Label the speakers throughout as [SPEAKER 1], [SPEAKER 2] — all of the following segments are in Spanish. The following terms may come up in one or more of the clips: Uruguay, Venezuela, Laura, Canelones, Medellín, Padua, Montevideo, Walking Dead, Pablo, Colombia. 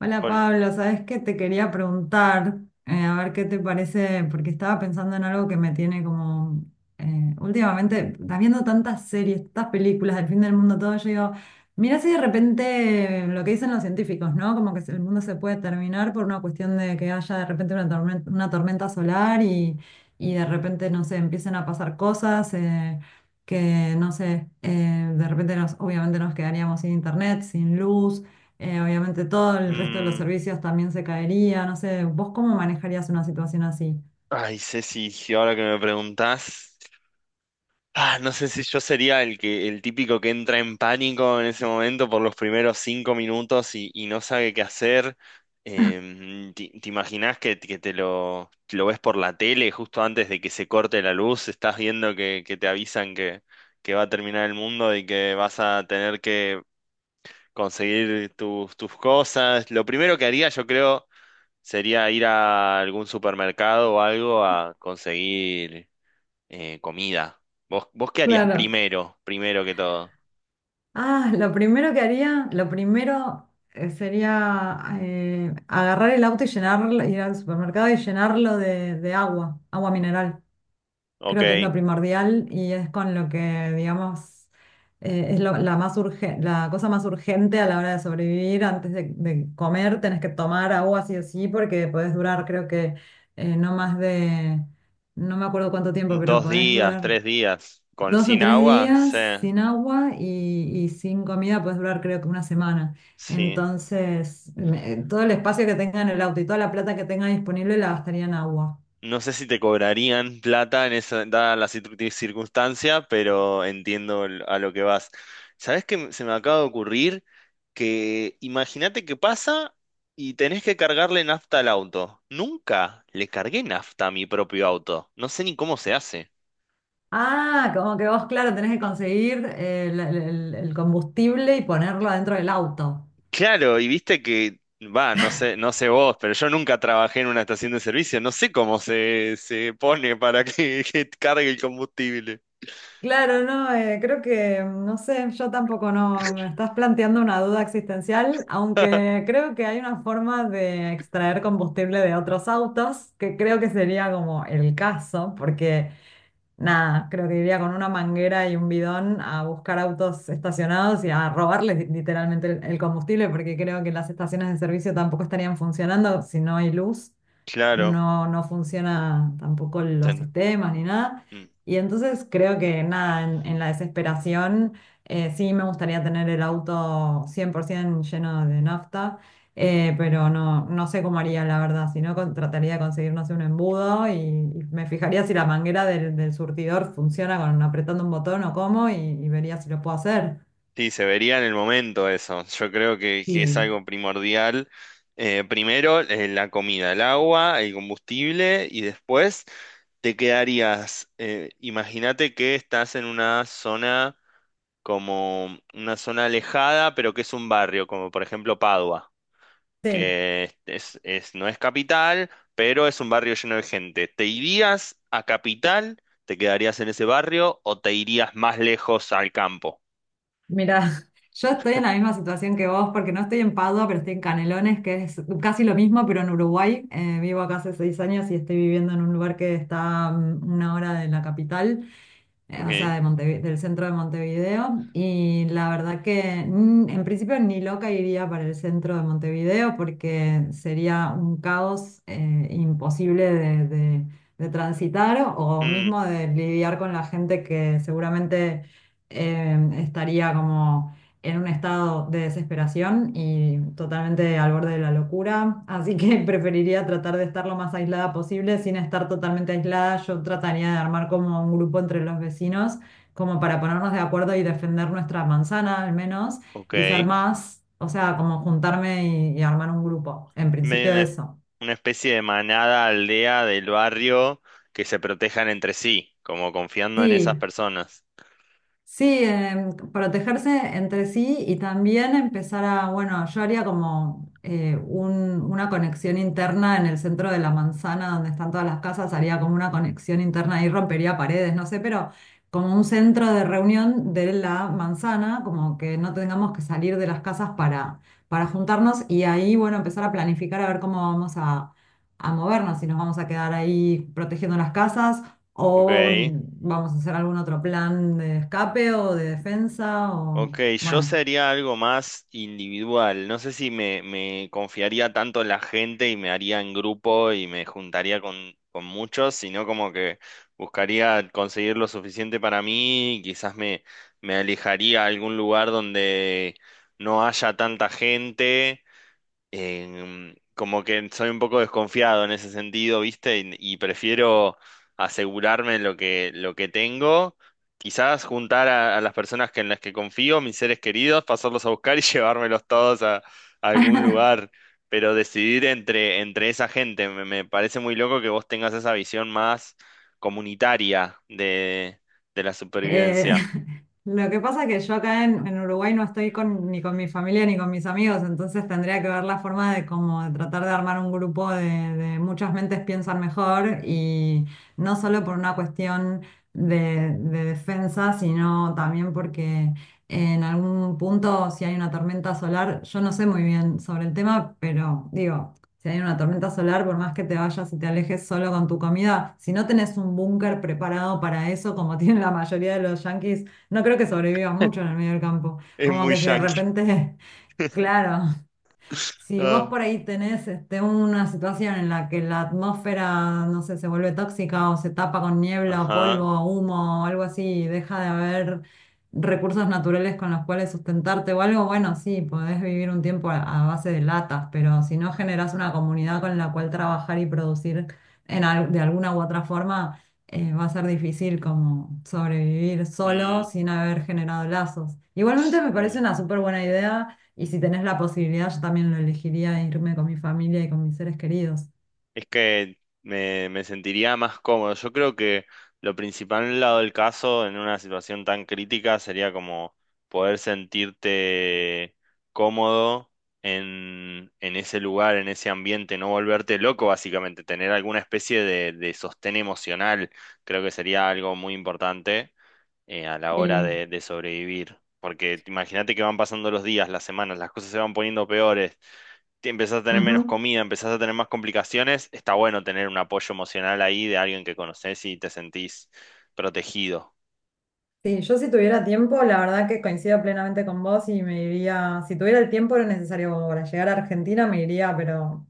[SPEAKER 1] Hola
[SPEAKER 2] Bueno.
[SPEAKER 1] Pablo, sabes que te quería preguntar, a ver qué te parece, porque estaba pensando en algo que me tiene como últimamente, estás viendo tantas series, tantas películas del fin del mundo, todo, yo digo, mira si de repente lo que dicen los científicos, ¿no? Como que el mundo se puede terminar por una cuestión de que haya de repente una tormenta solar y de repente, no sé, empiecen a pasar cosas. Que no sé, de repente nos, obviamente nos quedaríamos sin internet, sin luz, obviamente todo el resto de los
[SPEAKER 2] mm,
[SPEAKER 1] servicios también se caería, no sé, ¿vos cómo manejarías una situación así?
[SPEAKER 2] Ay, Ceci, si ahora que me preguntás, no sé si yo sería el típico que entra en pánico en ese momento por los primeros 5 minutos y no sabe qué hacer. Te imaginás que lo ves por la tele justo antes de que se corte la luz? Estás viendo que te avisan que va a terminar el mundo y que vas a tener que conseguir tus cosas. Lo primero que haría, yo creo, sería ir a algún supermercado o algo a conseguir comida. Vos qué harías
[SPEAKER 1] Claro.
[SPEAKER 2] primero, primero que todo?
[SPEAKER 1] Ah, lo primero que haría, lo primero sería agarrar el auto y llenarlo, ir al supermercado y llenarlo de agua, agua mineral.
[SPEAKER 2] Ok,
[SPEAKER 1] Creo que es lo primordial y es con lo que, digamos, es la cosa más urgente a la hora de sobrevivir. Antes de comer tenés que tomar agua sí o sí porque podés durar, creo que no más de, no me acuerdo cuánto tiempo, pero
[SPEAKER 2] dos
[SPEAKER 1] podés
[SPEAKER 2] días,
[SPEAKER 1] durar
[SPEAKER 2] 3 días, con,
[SPEAKER 1] dos o
[SPEAKER 2] sin
[SPEAKER 1] tres
[SPEAKER 2] agua,
[SPEAKER 1] días
[SPEAKER 2] sí,
[SPEAKER 1] sin agua y sin comida podés durar creo que una semana.
[SPEAKER 2] sí.
[SPEAKER 1] Entonces, todo el espacio que tenga en el auto y toda la plata que tenga disponible la gastaría en agua.
[SPEAKER 2] No sé si te cobrarían plata en esa, dada la circunstancia, pero entiendo a lo que vas. ¿Sabés qué se me acaba de ocurrir? Que imagínate que pasa y tenés que cargarle nafta al auto. Nunca le cargué nafta a mi propio auto. No sé ni cómo se hace.
[SPEAKER 1] Ah, como que vos, claro, tenés que conseguir el combustible y ponerlo dentro del auto.
[SPEAKER 2] Claro, y viste que, va, no sé, no sé vos, pero yo nunca trabajé en una estación de servicio. No sé cómo se pone para que, que cargue el combustible.
[SPEAKER 1] Claro, no, creo que, no sé, yo tampoco no, me estás planteando una duda existencial, aunque creo que hay una forma de extraer combustible de otros autos, que creo que sería como el caso, porque nada, creo que iría con una manguera y un bidón a buscar autos estacionados y a robarles literalmente el combustible, porque creo que las estaciones de servicio tampoco estarían funcionando si no hay luz,
[SPEAKER 2] Claro.
[SPEAKER 1] no, no funciona tampoco los
[SPEAKER 2] ten-
[SPEAKER 1] sistemas ni nada.
[SPEAKER 2] mm.
[SPEAKER 1] Y entonces creo que nada, en la desesperación sí me gustaría tener el auto 100% lleno de nafta, pero no, no sé cómo haría la verdad, si no trataría de conseguir, no sé, un embudo y me fijaría si la manguera del surtidor funciona con apretando un botón o cómo y vería si lo puedo hacer.
[SPEAKER 2] Sí, se vería en el momento eso. Yo creo que es
[SPEAKER 1] Sí.
[SPEAKER 2] algo primordial. Primero, la comida, el agua, el combustible y después te quedarías, imagínate que estás en una zona como una zona alejada, pero que es un barrio, como por ejemplo Padua,
[SPEAKER 1] Sí.
[SPEAKER 2] que no es capital, pero es un barrio lleno de gente. ¿Te irías a capital? ¿Te quedarías en ese barrio o te irías más lejos al campo?
[SPEAKER 1] Mira, yo estoy en la misma situación que vos porque no estoy en Padua, pero estoy en Canelones, que es casi lo mismo, pero en Uruguay. Vivo acá hace 6 años y estoy viviendo en un lugar que está 1 hora de la capital o sea,
[SPEAKER 2] Ok.
[SPEAKER 1] de del centro de Montevideo. Y la verdad que mm, en principio ni loca iría para el centro de Montevideo porque sería un caos imposible de, de transitar o mismo de lidiar con la gente que seguramente estaría como en un estado de desesperación y totalmente al borde de la locura, así que preferiría tratar de estar lo más aislada posible. Sin estar totalmente aislada, yo trataría de armar como un grupo entre los vecinos, como para ponernos de acuerdo y defender nuestra manzana al menos,
[SPEAKER 2] Ok.
[SPEAKER 1] y ser más, o sea, como juntarme y armar un grupo. En
[SPEAKER 2] Medio
[SPEAKER 1] principio eso.
[SPEAKER 2] una especie de manada, aldea del barrio que se protejan entre sí, como confiando en esas
[SPEAKER 1] Sí.
[SPEAKER 2] personas.
[SPEAKER 1] Sí, em, protegerse entre sí y también empezar a, bueno, yo haría como una conexión interna en el centro de la manzana donde están todas las casas, haría como una conexión interna y rompería paredes, no sé, pero como un centro de reunión de la manzana, como que no tengamos que salir de las casas para juntarnos y ahí, bueno, empezar a planificar a ver cómo vamos a movernos, si nos vamos a quedar ahí protegiendo las casas o
[SPEAKER 2] Ok.
[SPEAKER 1] vamos a hacer algún otro plan de escape o de defensa
[SPEAKER 2] Ok,
[SPEAKER 1] o
[SPEAKER 2] yo
[SPEAKER 1] bueno.
[SPEAKER 2] sería algo más individual. No sé si me confiaría tanto en la gente y me haría en grupo y me juntaría con muchos, sino como que buscaría conseguir lo suficiente para mí y quizás me alejaría a algún lugar donde no haya tanta gente. Como que soy un poco desconfiado en ese sentido, ¿viste? Y prefiero asegurarme lo que tengo, quizás juntar a las personas que, en las que confío, mis seres queridos, pasarlos a buscar y llevármelos todos a algún lugar. Pero decidir entre esa gente, me parece muy loco que vos tengas esa visión más comunitaria de la
[SPEAKER 1] Eh,
[SPEAKER 2] supervivencia.
[SPEAKER 1] lo que pasa es que yo acá en Uruguay no estoy con, ni con mi familia ni con mis amigos, entonces tendría que ver la forma de como de tratar de armar un grupo de muchas mentes piensan mejor y no solo por una cuestión de defensa, sino también porque en algún punto si hay una tormenta solar, yo no sé muy bien sobre el tema, pero digo, si hay una tormenta solar, por más que te vayas y te alejes solo con tu comida, si no tenés un búnker preparado para eso, como tienen la mayoría de los yanquis, no creo que sobreviva mucho en el medio del campo.
[SPEAKER 2] Es
[SPEAKER 1] Como
[SPEAKER 2] muy
[SPEAKER 1] que si de
[SPEAKER 2] yankee.
[SPEAKER 1] repente, claro, si vos
[SPEAKER 2] Ah.
[SPEAKER 1] por ahí tenés este, una situación en la que la atmósfera, no sé, se vuelve tóxica o se tapa con niebla o polvo
[SPEAKER 2] Ajá.
[SPEAKER 1] o humo o algo así y deja de haber recursos naturales con los cuales sustentarte o algo, bueno, sí, podés vivir un tiempo a base de latas, pero si no generás una comunidad con la cual trabajar y producir en de alguna u otra forma, va a ser difícil como sobrevivir solo
[SPEAKER 2] Mm,
[SPEAKER 1] sin haber generado lazos. Igualmente me
[SPEAKER 2] sí.
[SPEAKER 1] parece una súper buena idea y si tenés la posibilidad, yo también lo elegiría irme con mi familia y con mis seres queridos.
[SPEAKER 2] Es que me sentiría más cómodo. Yo creo que lo principal en el lado del caso, en una situación tan crítica, sería como poder sentirte cómodo en ese lugar, en ese ambiente, no volverte loco, básicamente, tener alguna especie de sostén emocional, creo que sería algo muy importante a la hora
[SPEAKER 1] Sí,
[SPEAKER 2] de sobrevivir. Porque imagínate que van pasando los días, las semanas, las cosas se van poniendo peores. Empezás a tener menos
[SPEAKER 1] ujú.
[SPEAKER 2] comida, empezás a tener más complicaciones, está bueno tener un apoyo emocional ahí de alguien que conoces y te sentís protegido.
[SPEAKER 1] Sí, yo si tuviera tiempo, la verdad que coincido plenamente con vos y me iría, si tuviera el tiempo lo necesario como para llegar a Argentina, me iría, pero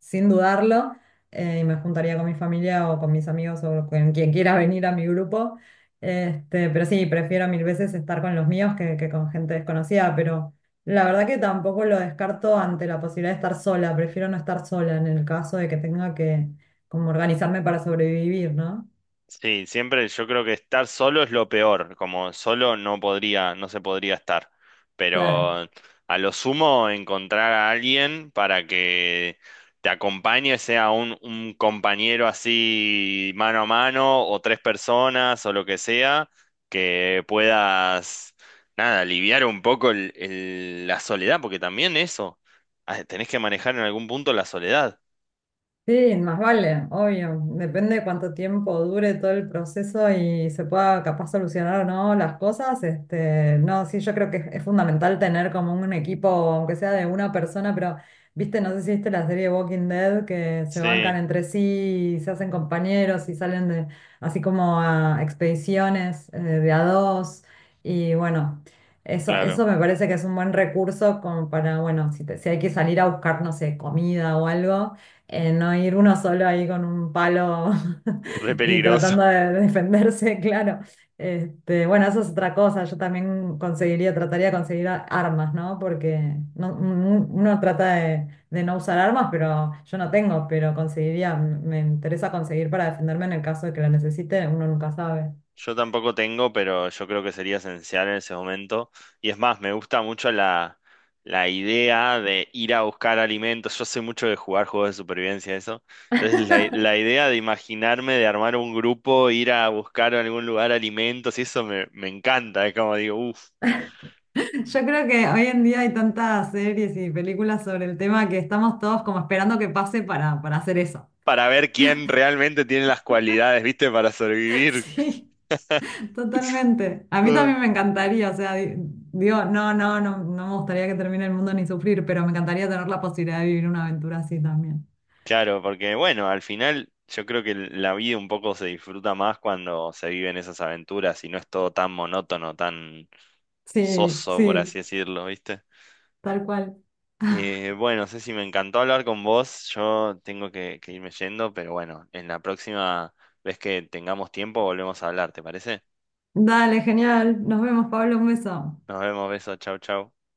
[SPEAKER 1] sin dudarlo, y me juntaría con mi familia o con mis amigos o con quien quiera venir a mi grupo. Este, pero sí, prefiero mil veces estar con los míos que con gente desconocida, pero la verdad que tampoco lo descarto ante la posibilidad de estar sola, prefiero no estar sola en el caso de que tenga que como organizarme para sobrevivir, ¿no?
[SPEAKER 2] Sí, siempre yo creo que estar solo es lo peor, como solo no podría, no se podría estar,
[SPEAKER 1] Claro.
[SPEAKER 2] pero a lo sumo encontrar a alguien para que te acompañe, sea un compañero así mano a mano o tres personas o lo que sea, que puedas, nada, aliviar un poco la soledad, porque también eso, tenés que manejar en algún punto la soledad.
[SPEAKER 1] Sí, más vale, obvio. Depende de cuánto tiempo dure todo el proceso y se pueda capaz solucionar o no las cosas. Este, no, sí, yo creo que es fundamental tener como un equipo, aunque sea de una persona, pero viste, no sé si viste la serie Walking Dead, que se
[SPEAKER 2] Sí,
[SPEAKER 1] bancan entre sí, y se hacen compañeros y salen de, así como a expediciones de a dos. Y bueno, eso,
[SPEAKER 2] claro,
[SPEAKER 1] eso me parece que es un buen recurso como para, bueno, si, si hay que salir a buscar, no sé, comida o algo, no ir uno solo ahí con un palo
[SPEAKER 2] re
[SPEAKER 1] y
[SPEAKER 2] peligroso.
[SPEAKER 1] tratando de defenderse, claro. Este, bueno, eso es otra cosa. Yo también conseguiría, trataría de conseguir armas, ¿no? Porque uno trata de no usar armas, pero yo no tengo, pero conseguiría, me interesa conseguir para defenderme en el caso de que la necesite, uno nunca sabe.
[SPEAKER 2] Yo tampoco tengo, pero yo creo que sería esencial en ese momento. Y es más, me gusta mucho la idea de ir a buscar alimentos. Yo sé mucho de jugar juegos de supervivencia, eso. Entonces, la idea de imaginarme, de armar un grupo, ir a buscar en algún lugar alimentos, y eso me encanta. Es como digo, uff,
[SPEAKER 1] Yo creo que hoy en día hay tantas series y películas sobre el tema que estamos todos como esperando que pase para hacer eso.
[SPEAKER 2] para ver quién realmente tiene las cualidades, ¿viste? Para sobrevivir.
[SPEAKER 1] Sí. Totalmente. A mí también me encantaría, o sea, digo, no, no, no, no me gustaría que termine el mundo ni sufrir, pero me encantaría tener la posibilidad de vivir una aventura así también.
[SPEAKER 2] Claro, porque bueno, al final yo creo que la vida un poco se disfruta más cuando se viven esas aventuras y no es todo tan monótono, tan
[SPEAKER 1] Sí,
[SPEAKER 2] soso, por
[SPEAKER 1] sí,
[SPEAKER 2] así decirlo, ¿viste?
[SPEAKER 1] tal cual.
[SPEAKER 2] Bueno, Ceci, me encantó hablar con vos. Yo tengo que irme yendo, pero bueno, en la próxima vez que tengamos tiempo volvemos a hablar, ¿te parece?
[SPEAKER 1] Dale, genial. Nos vemos, Pablo, un beso.
[SPEAKER 2] Nos vemos, besos, chau, chau.